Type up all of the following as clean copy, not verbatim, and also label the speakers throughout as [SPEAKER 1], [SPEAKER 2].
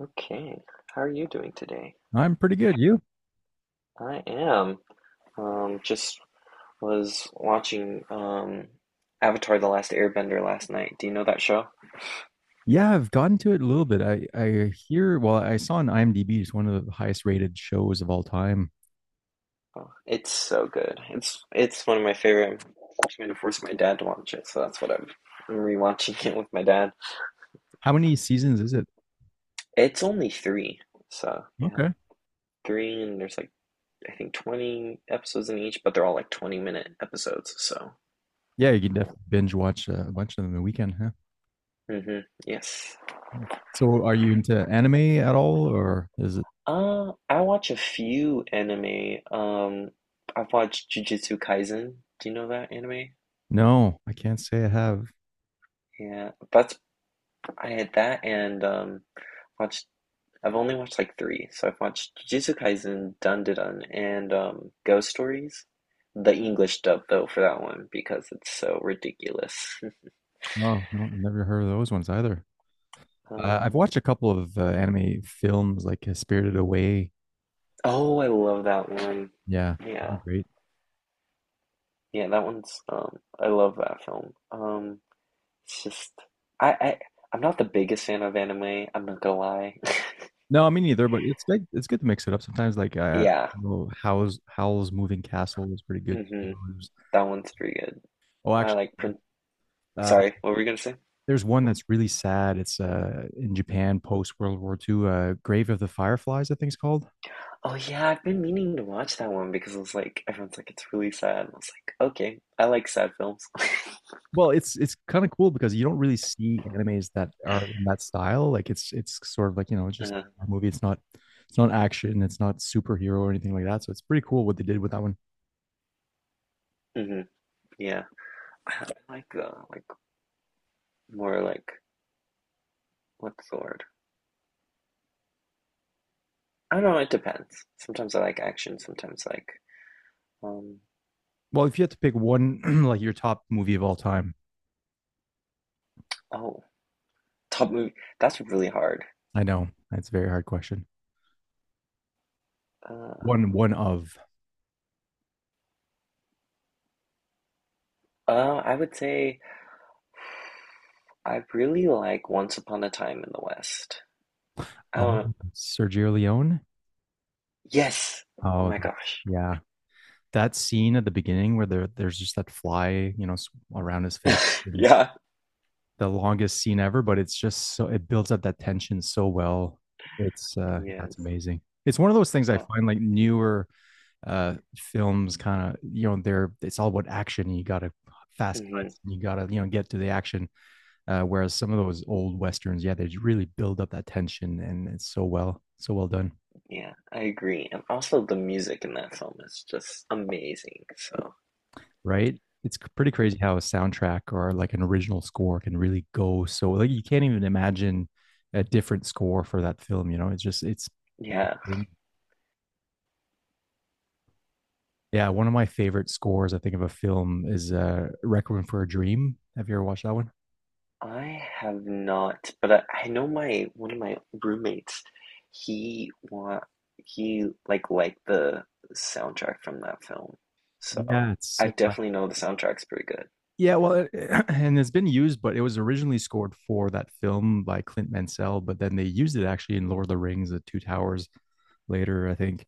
[SPEAKER 1] Okay, how are you doing today?
[SPEAKER 2] I'm pretty good. You?
[SPEAKER 1] I am. Just was watching Avatar: The Last Airbender last night. Do you know that show?
[SPEAKER 2] Yeah, I've gotten to it a little bit. I hear, well, I saw on IMDb it's one of the highest rated shows of all time.
[SPEAKER 1] Oh, it's so good. It's one of my favorite. I'm trying to force my dad to watch it, so I'm rewatching it with my dad.
[SPEAKER 2] How many seasons is it?
[SPEAKER 1] It's only three, so yeah,
[SPEAKER 2] Okay.
[SPEAKER 1] three, and there's like I think 20 episodes in each, but they're all like 20-minute episodes. So
[SPEAKER 2] Yeah, you can
[SPEAKER 1] yeah.
[SPEAKER 2] definitely binge watch a bunch of them in the weekend, huh?
[SPEAKER 1] Mm-hmm. Yes.
[SPEAKER 2] So are you into anime at all or is it?
[SPEAKER 1] I watch a few anime. I've watched Jujutsu Kaisen. Do you know that anime?
[SPEAKER 2] No, I can't say I have.
[SPEAKER 1] Yeah, that's I had that and watched. I've only watched like three, so I've watched Jujutsu Kaisen, Dandadan, and Ghost Stories. The English dub though for that one because it's so ridiculous.
[SPEAKER 2] Oh, no, I've never heard of those ones either. I've
[SPEAKER 1] Um,
[SPEAKER 2] watched a couple of anime films like Spirited Away.
[SPEAKER 1] oh, I love that one.
[SPEAKER 2] Yeah,
[SPEAKER 1] Yeah,
[SPEAKER 2] great.
[SPEAKER 1] yeah, that one's I love that film. It's just I I'm not the biggest fan of anime, I'm not gonna lie.
[SPEAKER 2] No, I mean neither. But it's good. It's good to mix it up sometimes. Like
[SPEAKER 1] Yeah.
[SPEAKER 2] Howl's Moving Castle is pretty good too.
[SPEAKER 1] Mm-hmm.
[SPEAKER 2] There's-
[SPEAKER 1] That one's pretty good.
[SPEAKER 2] oh,
[SPEAKER 1] I
[SPEAKER 2] actually,
[SPEAKER 1] like print
[SPEAKER 2] uh,
[SPEAKER 1] Sorry, what were you gonna say?
[SPEAKER 2] there's one that's really sad. It's in Japan post World War II. Grave of the Fireflies, I think it's called.
[SPEAKER 1] Oh yeah, I've been meaning to watch that one because it was like everyone's like it's really sad. And I was like, okay, I like sad films.
[SPEAKER 2] Well, it's kind of cool because you don't really see animes that are in that style. Like it's sort of like you know it's just
[SPEAKER 1] Uh,
[SPEAKER 2] a movie. It's not action. It's not superhero or anything like that. So it's pretty cool what they did with that one.
[SPEAKER 1] hmm Yeah. I like the like more like what's the word? I don't know, it depends. Sometimes I like action, sometimes I like um
[SPEAKER 2] Well, if you had to pick one, like your top movie of all time,
[SPEAKER 1] oh, top movie. That's really hard.
[SPEAKER 2] I know that's a very hard question.
[SPEAKER 1] Uh,
[SPEAKER 2] One one of
[SPEAKER 1] I would say I really like Once Upon a Time in the West. I don't
[SPEAKER 2] Sergio Leone.
[SPEAKER 1] Yes. Oh
[SPEAKER 2] Oh,
[SPEAKER 1] my
[SPEAKER 2] that's,
[SPEAKER 1] gosh.
[SPEAKER 2] yeah. That scene at the beginning where there's just that fly, you know, around his face, and
[SPEAKER 1] Yeah.
[SPEAKER 2] the longest scene ever, but it's just so it builds up that tension so well. It's yeah, it's
[SPEAKER 1] Yes.
[SPEAKER 2] amazing. It's one of those things I
[SPEAKER 1] Oh.
[SPEAKER 2] find like newer films kind of, you know, they're it's all about action, you got to fast
[SPEAKER 1] hmm
[SPEAKER 2] cuts and you got to, you know, get to the action. Whereas some of those old westerns, yeah, they really build up that tension and it's so well, so well done.
[SPEAKER 1] Yeah, I agree. And also the music in that film is just amazing. So,
[SPEAKER 2] Right? It's pretty crazy how a soundtrack or like an original score can really go so like you can't even imagine a different score for that film, you know? It's just it's
[SPEAKER 1] yeah.
[SPEAKER 2] Yeah, one of my favorite scores I think of a film is Requiem for a Dream. Have you ever watched that one?
[SPEAKER 1] I have not, but I know my one of my roommates, he wa he like liked the soundtrack from that film.
[SPEAKER 2] Yeah,
[SPEAKER 1] So,
[SPEAKER 2] it's
[SPEAKER 1] I definitely know the soundtrack's pretty good.
[SPEAKER 2] yeah, well, it- and it's been used, but it was originally scored for that film by Clint Mansell, but then they used it actually in Lord of the Rings, The Two Towers later, I think.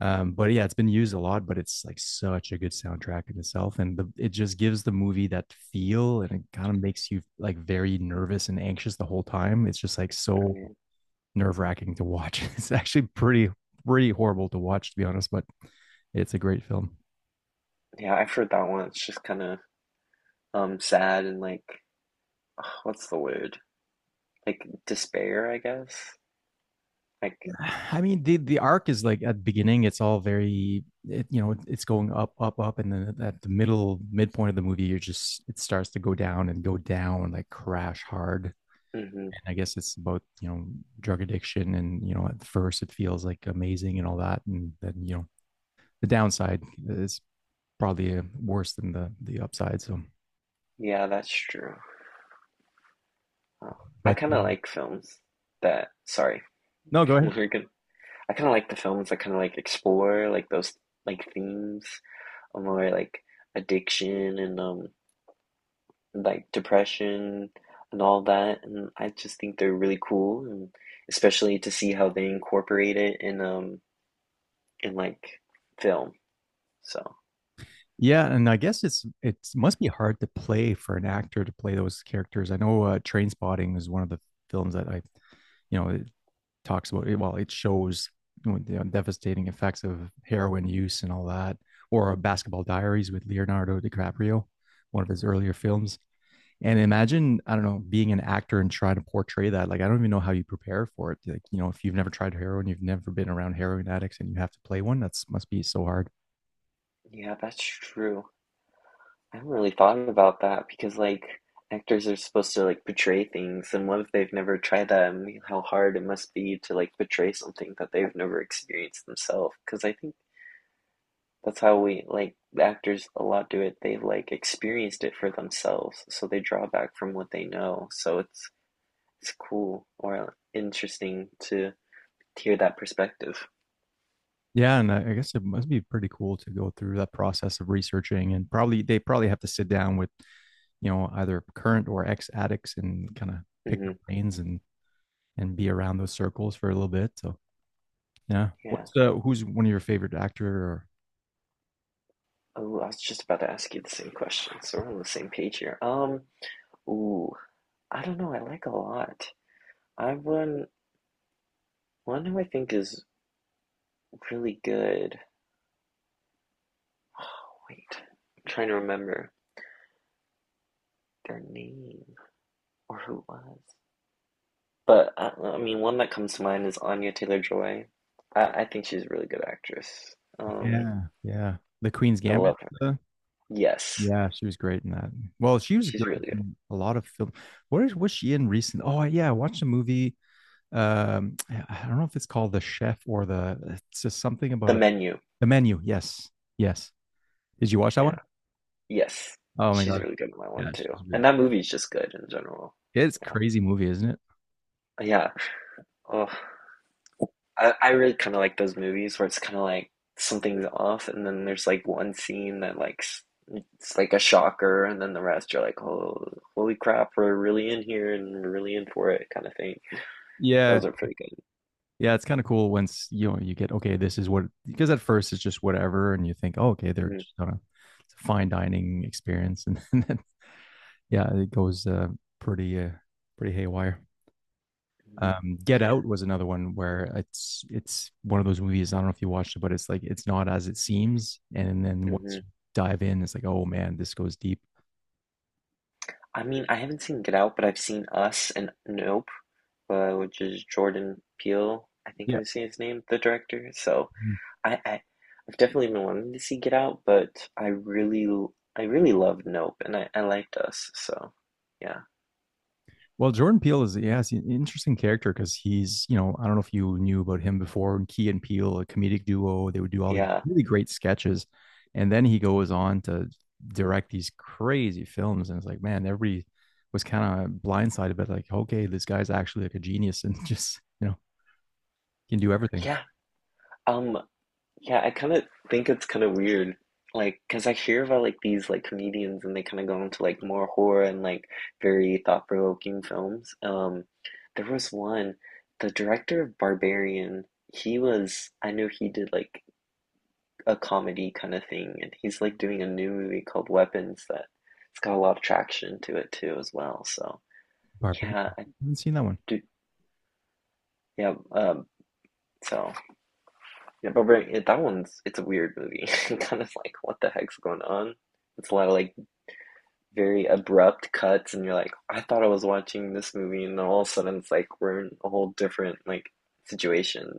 [SPEAKER 2] But yeah, it's been used a lot, but it's like such a good soundtrack in itself, and the, it just gives the movie that feel, and it kind of makes you like very nervous and anxious the whole time. It's just like
[SPEAKER 1] I
[SPEAKER 2] so
[SPEAKER 1] mean,
[SPEAKER 2] nerve wracking to watch. It's actually pretty horrible to watch, to be honest, but it's a great film.
[SPEAKER 1] yeah, I've heard that one. It's just kind of sad and like what's the word? Like despair, I guess. Like,
[SPEAKER 2] I mean, the arc is like at the beginning, it's all very, it, you know, it's going up, up, up, and then at the middle midpoint of the movie, you're just it starts to go down and go down like crash hard.
[SPEAKER 1] hmm
[SPEAKER 2] I guess it's about, you know, drug addiction and, you know, at first it feels like amazing and all that. And then, you know, the downside is probably worse than the upside. So,
[SPEAKER 1] yeah, that's true. Oh, I
[SPEAKER 2] but
[SPEAKER 1] kind of like films that. Sorry,
[SPEAKER 2] no, go ahead.
[SPEAKER 1] we're good. I kind of like the films that kind of like explore like those like themes of more like addiction and like depression and all that. And I just think they're really cool, and especially to see how they incorporate it in like film. So
[SPEAKER 2] Yeah. And I guess it's, it must be hard to play for an actor to play those characters. I know Train Spotting is one of the films that you know, it talks about, well, it shows you know, devastating effects of heroin use and all that, or Basketball Diaries with Leonardo DiCaprio, one of his earlier films. And imagine, I don't know, being an actor and trying to portray that. Like, I don't even know how you prepare for it. Like, you know, if you've never tried heroin, you've never been around heroin addicts and you have to play one, that's must be so hard.
[SPEAKER 1] yeah, that's true. I haven't really thought about that because like actors are supposed to like portray things, and what if they've never tried that and how hard it must be to like portray something that they've never experienced themselves? Because I think that's how we like the actors a lot do it. They've like experienced it for themselves, so they draw back from what they know. So it's cool or interesting to hear that perspective.
[SPEAKER 2] Yeah. And I guess it must be pretty cool to go through that process of researching and probably they probably have to sit down with, you know, either current or ex addicts and kind of pick their
[SPEAKER 1] hmm
[SPEAKER 2] brains and be around those circles for a little bit. So yeah.
[SPEAKER 1] Yeah.
[SPEAKER 2] What's who's one of your favorite actor or
[SPEAKER 1] Oh, I was just about to ask you the same question, so we're on the same page here. Ooh. I don't know, I like a lot. I one One who I think is really good. Oh, wait, I'm trying to remember their name or who it was. But I mean, one that comes to mind is Anya Taylor-Joy. I think she's a really good actress.
[SPEAKER 2] yeah, yeah. The Queen's
[SPEAKER 1] I
[SPEAKER 2] Gambit
[SPEAKER 1] love her.
[SPEAKER 2] uh,
[SPEAKER 1] Yes,
[SPEAKER 2] yeah, she was great in that. Well, she was
[SPEAKER 1] she's
[SPEAKER 2] great
[SPEAKER 1] really good.
[SPEAKER 2] in a lot of film. What is was she in recent? Oh yeah, I watched a movie. I don't know if it's called The Chef or the it's just something about
[SPEAKER 1] The
[SPEAKER 2] a,
[SPEAKER 1] Menu.
[SPEAKER 2] the menu. Yes. Yes. Did you watch that
[SPEAKER 1] Yeah.
[SPEAKER 2] one?
[SPEAKER 1] Yes,
[SPEAKER 2] Oh my
[SPEAKER 1] she's
[SPEAKER 2] God.
[SPEAKER 1] really good in that
[SPEAKER 2] Yeah,
[SPEAKER 1] one too.
[SPEAKER 2] she's really-
[SPEAKER 1] And that movie's just good in general.
[SPEAKER 2] it's a
[SPEAKER 1] Yeah.
[SPEAKER 2] crazy movie, isn't it?
[SPEAKER 1] Yeah. Oh. I really kind of like those movies where it's kind of like something's off, and then there's like one scene that like it's like a shocker, and then the rest you're like, oh, holy crap, we're really in here and we're really in for it, kind of thing.
[SPEAKER 2] Yeah.
[SPEAKER 1] Those are pretty good.
[SPEAKER 2] Yeah, it's kind of cool once you know you get okay, this is what because at first it's just whatever and you think, oh, okay, they're
[SPEAKER 1] hmm
[SPEAKER 2] just on a, it's a fine dining experience and then yeah, it goes pretty pretty haywire. Get Out was another one where it's one of those movies. I don't know if you watched it, but it's like it's not as it seems, and then once
[SPEAKER 1] hmm
[SPEAKER 2] you dive in, it's like, oh man, this goes deep.
[SPEAKER 1] I mean, I haven't seen Get Out, but I've seen Us and Nope, which is Jordan Peele. I think
[SPEAKER 2] Yeah.
[SPEAKER 1] I've seen his name, the director. So I, I I've definitely been wanting to see Get Out, but I really loved Nope, and I liked Us, so yeah.
[SPEAKER 2] Well, Jordan Peele is yeah, he's an interesting character because he's you know I don't know if you knew about him before. Key and Peele, a comedic duo, they would do all these
[SPEAKER 1] Yeah.
[SPEAKER 2] really great sketches, and then he goes on to direct these crazy films, and it's like man, everybody was kind of blindsided, but like okay, this guy's actually like a genius and just you know can do everything.
[SPEAKER 1] Yeah. Um, yeah, I kind of think it's kind of weird. Like, cause I hear about like these like comedians and they kind of go into like more horror and like very thought-provoking films. There was one, the director of Barbarian, he was, I know he did like a comedy kind of thing, and he's like doing a new movie called Weapons that it's got a lot of traction to it too as well. So,
[SPEAKER 2] Barbarian.
[SPEAKER 1] yeah, I
[SPEAKER 2] I haven't seen that one.
[SPEAKER 1] do, yeah, so. Yeah, but right, yeah, that one's it's a weird movie. Kind of like, what the heck's going on? It's a lot of like very abrupt cuts, and you're like, I thought I was watching this movie, and then all of a sudden it's like we're in a whole different like situation.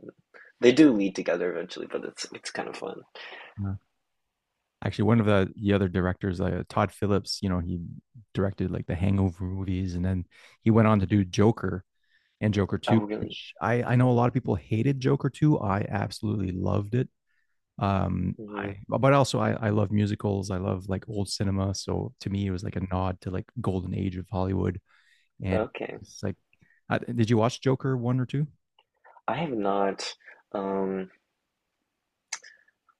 [SPEAKER 1] They do lead together eventually, but it's kind of fun.
[SPEAKER 2] No. Actually, one of the other directors, Todd Phillips, you know, he directed like the Hangover movies, and then he went on to do Joker and Joker
[SPEAKER 1] Oh,
[SPEAKER 2] Two,
[SPEAKER 1] really?
[SPEAKER 2] which I know a lot of people hated Joker Two. I absolutely loved it. Um,
[SPEAKER 1] hmm
[SPEAKER 2] I But also I love musicals. I love like old cinema, so to me it was like a nod to like golden age of Hollywood. And
[SPEAKER 1] Okay.
[SPEAKER 2] it's like, did you watch Joker One or Two?
[SPEAKER 1] I have not. Um,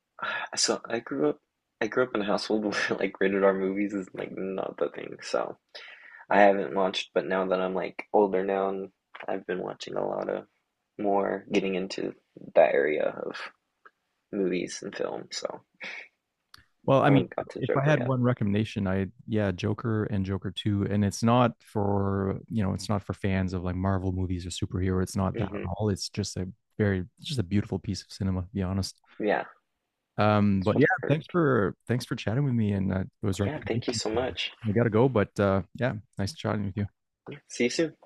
[SPEAKER 1] so I grew up. I grew up in a household where like rated R movies is like not the thing. So I haven't watched, but now that I'm like older now and I've been watching a lot of more getting into that area of movies and film, so
[SPEAKER 2] Well, I
[SPEAKER 1] I
[SPEAKER 2] mean,
[SPEAKER 1] haven't got to
[SPEAKER 2] if I
[SPEAKER 1] Joker
[SPEAKER 2] had one recommendation, I yeah, Joker and Joker 2, and it's not for, you know, it's not for fans of like Marvel movies or superhero. It's not that
[SPEAKER 1] yet.
[SPEAKER 2] at all. It's just a very it's just a beautiful piece of cinema, to be honest.
[SPEAKER 1] Yeah, that's
[SPEAKER 2] But yeah,
[SPEAKER 1] what I've heard.
[SPEAKER 2] thanks for chatting with me and those
[SPEAKER 1] Yeah, thank you
[SPEAKER 2] recommendations.
[SPEAKER 1] so much.
[SPEAKER 2] I gotta go, but yeah, nice chatting with you.
[SPEAKER 1] See you soon.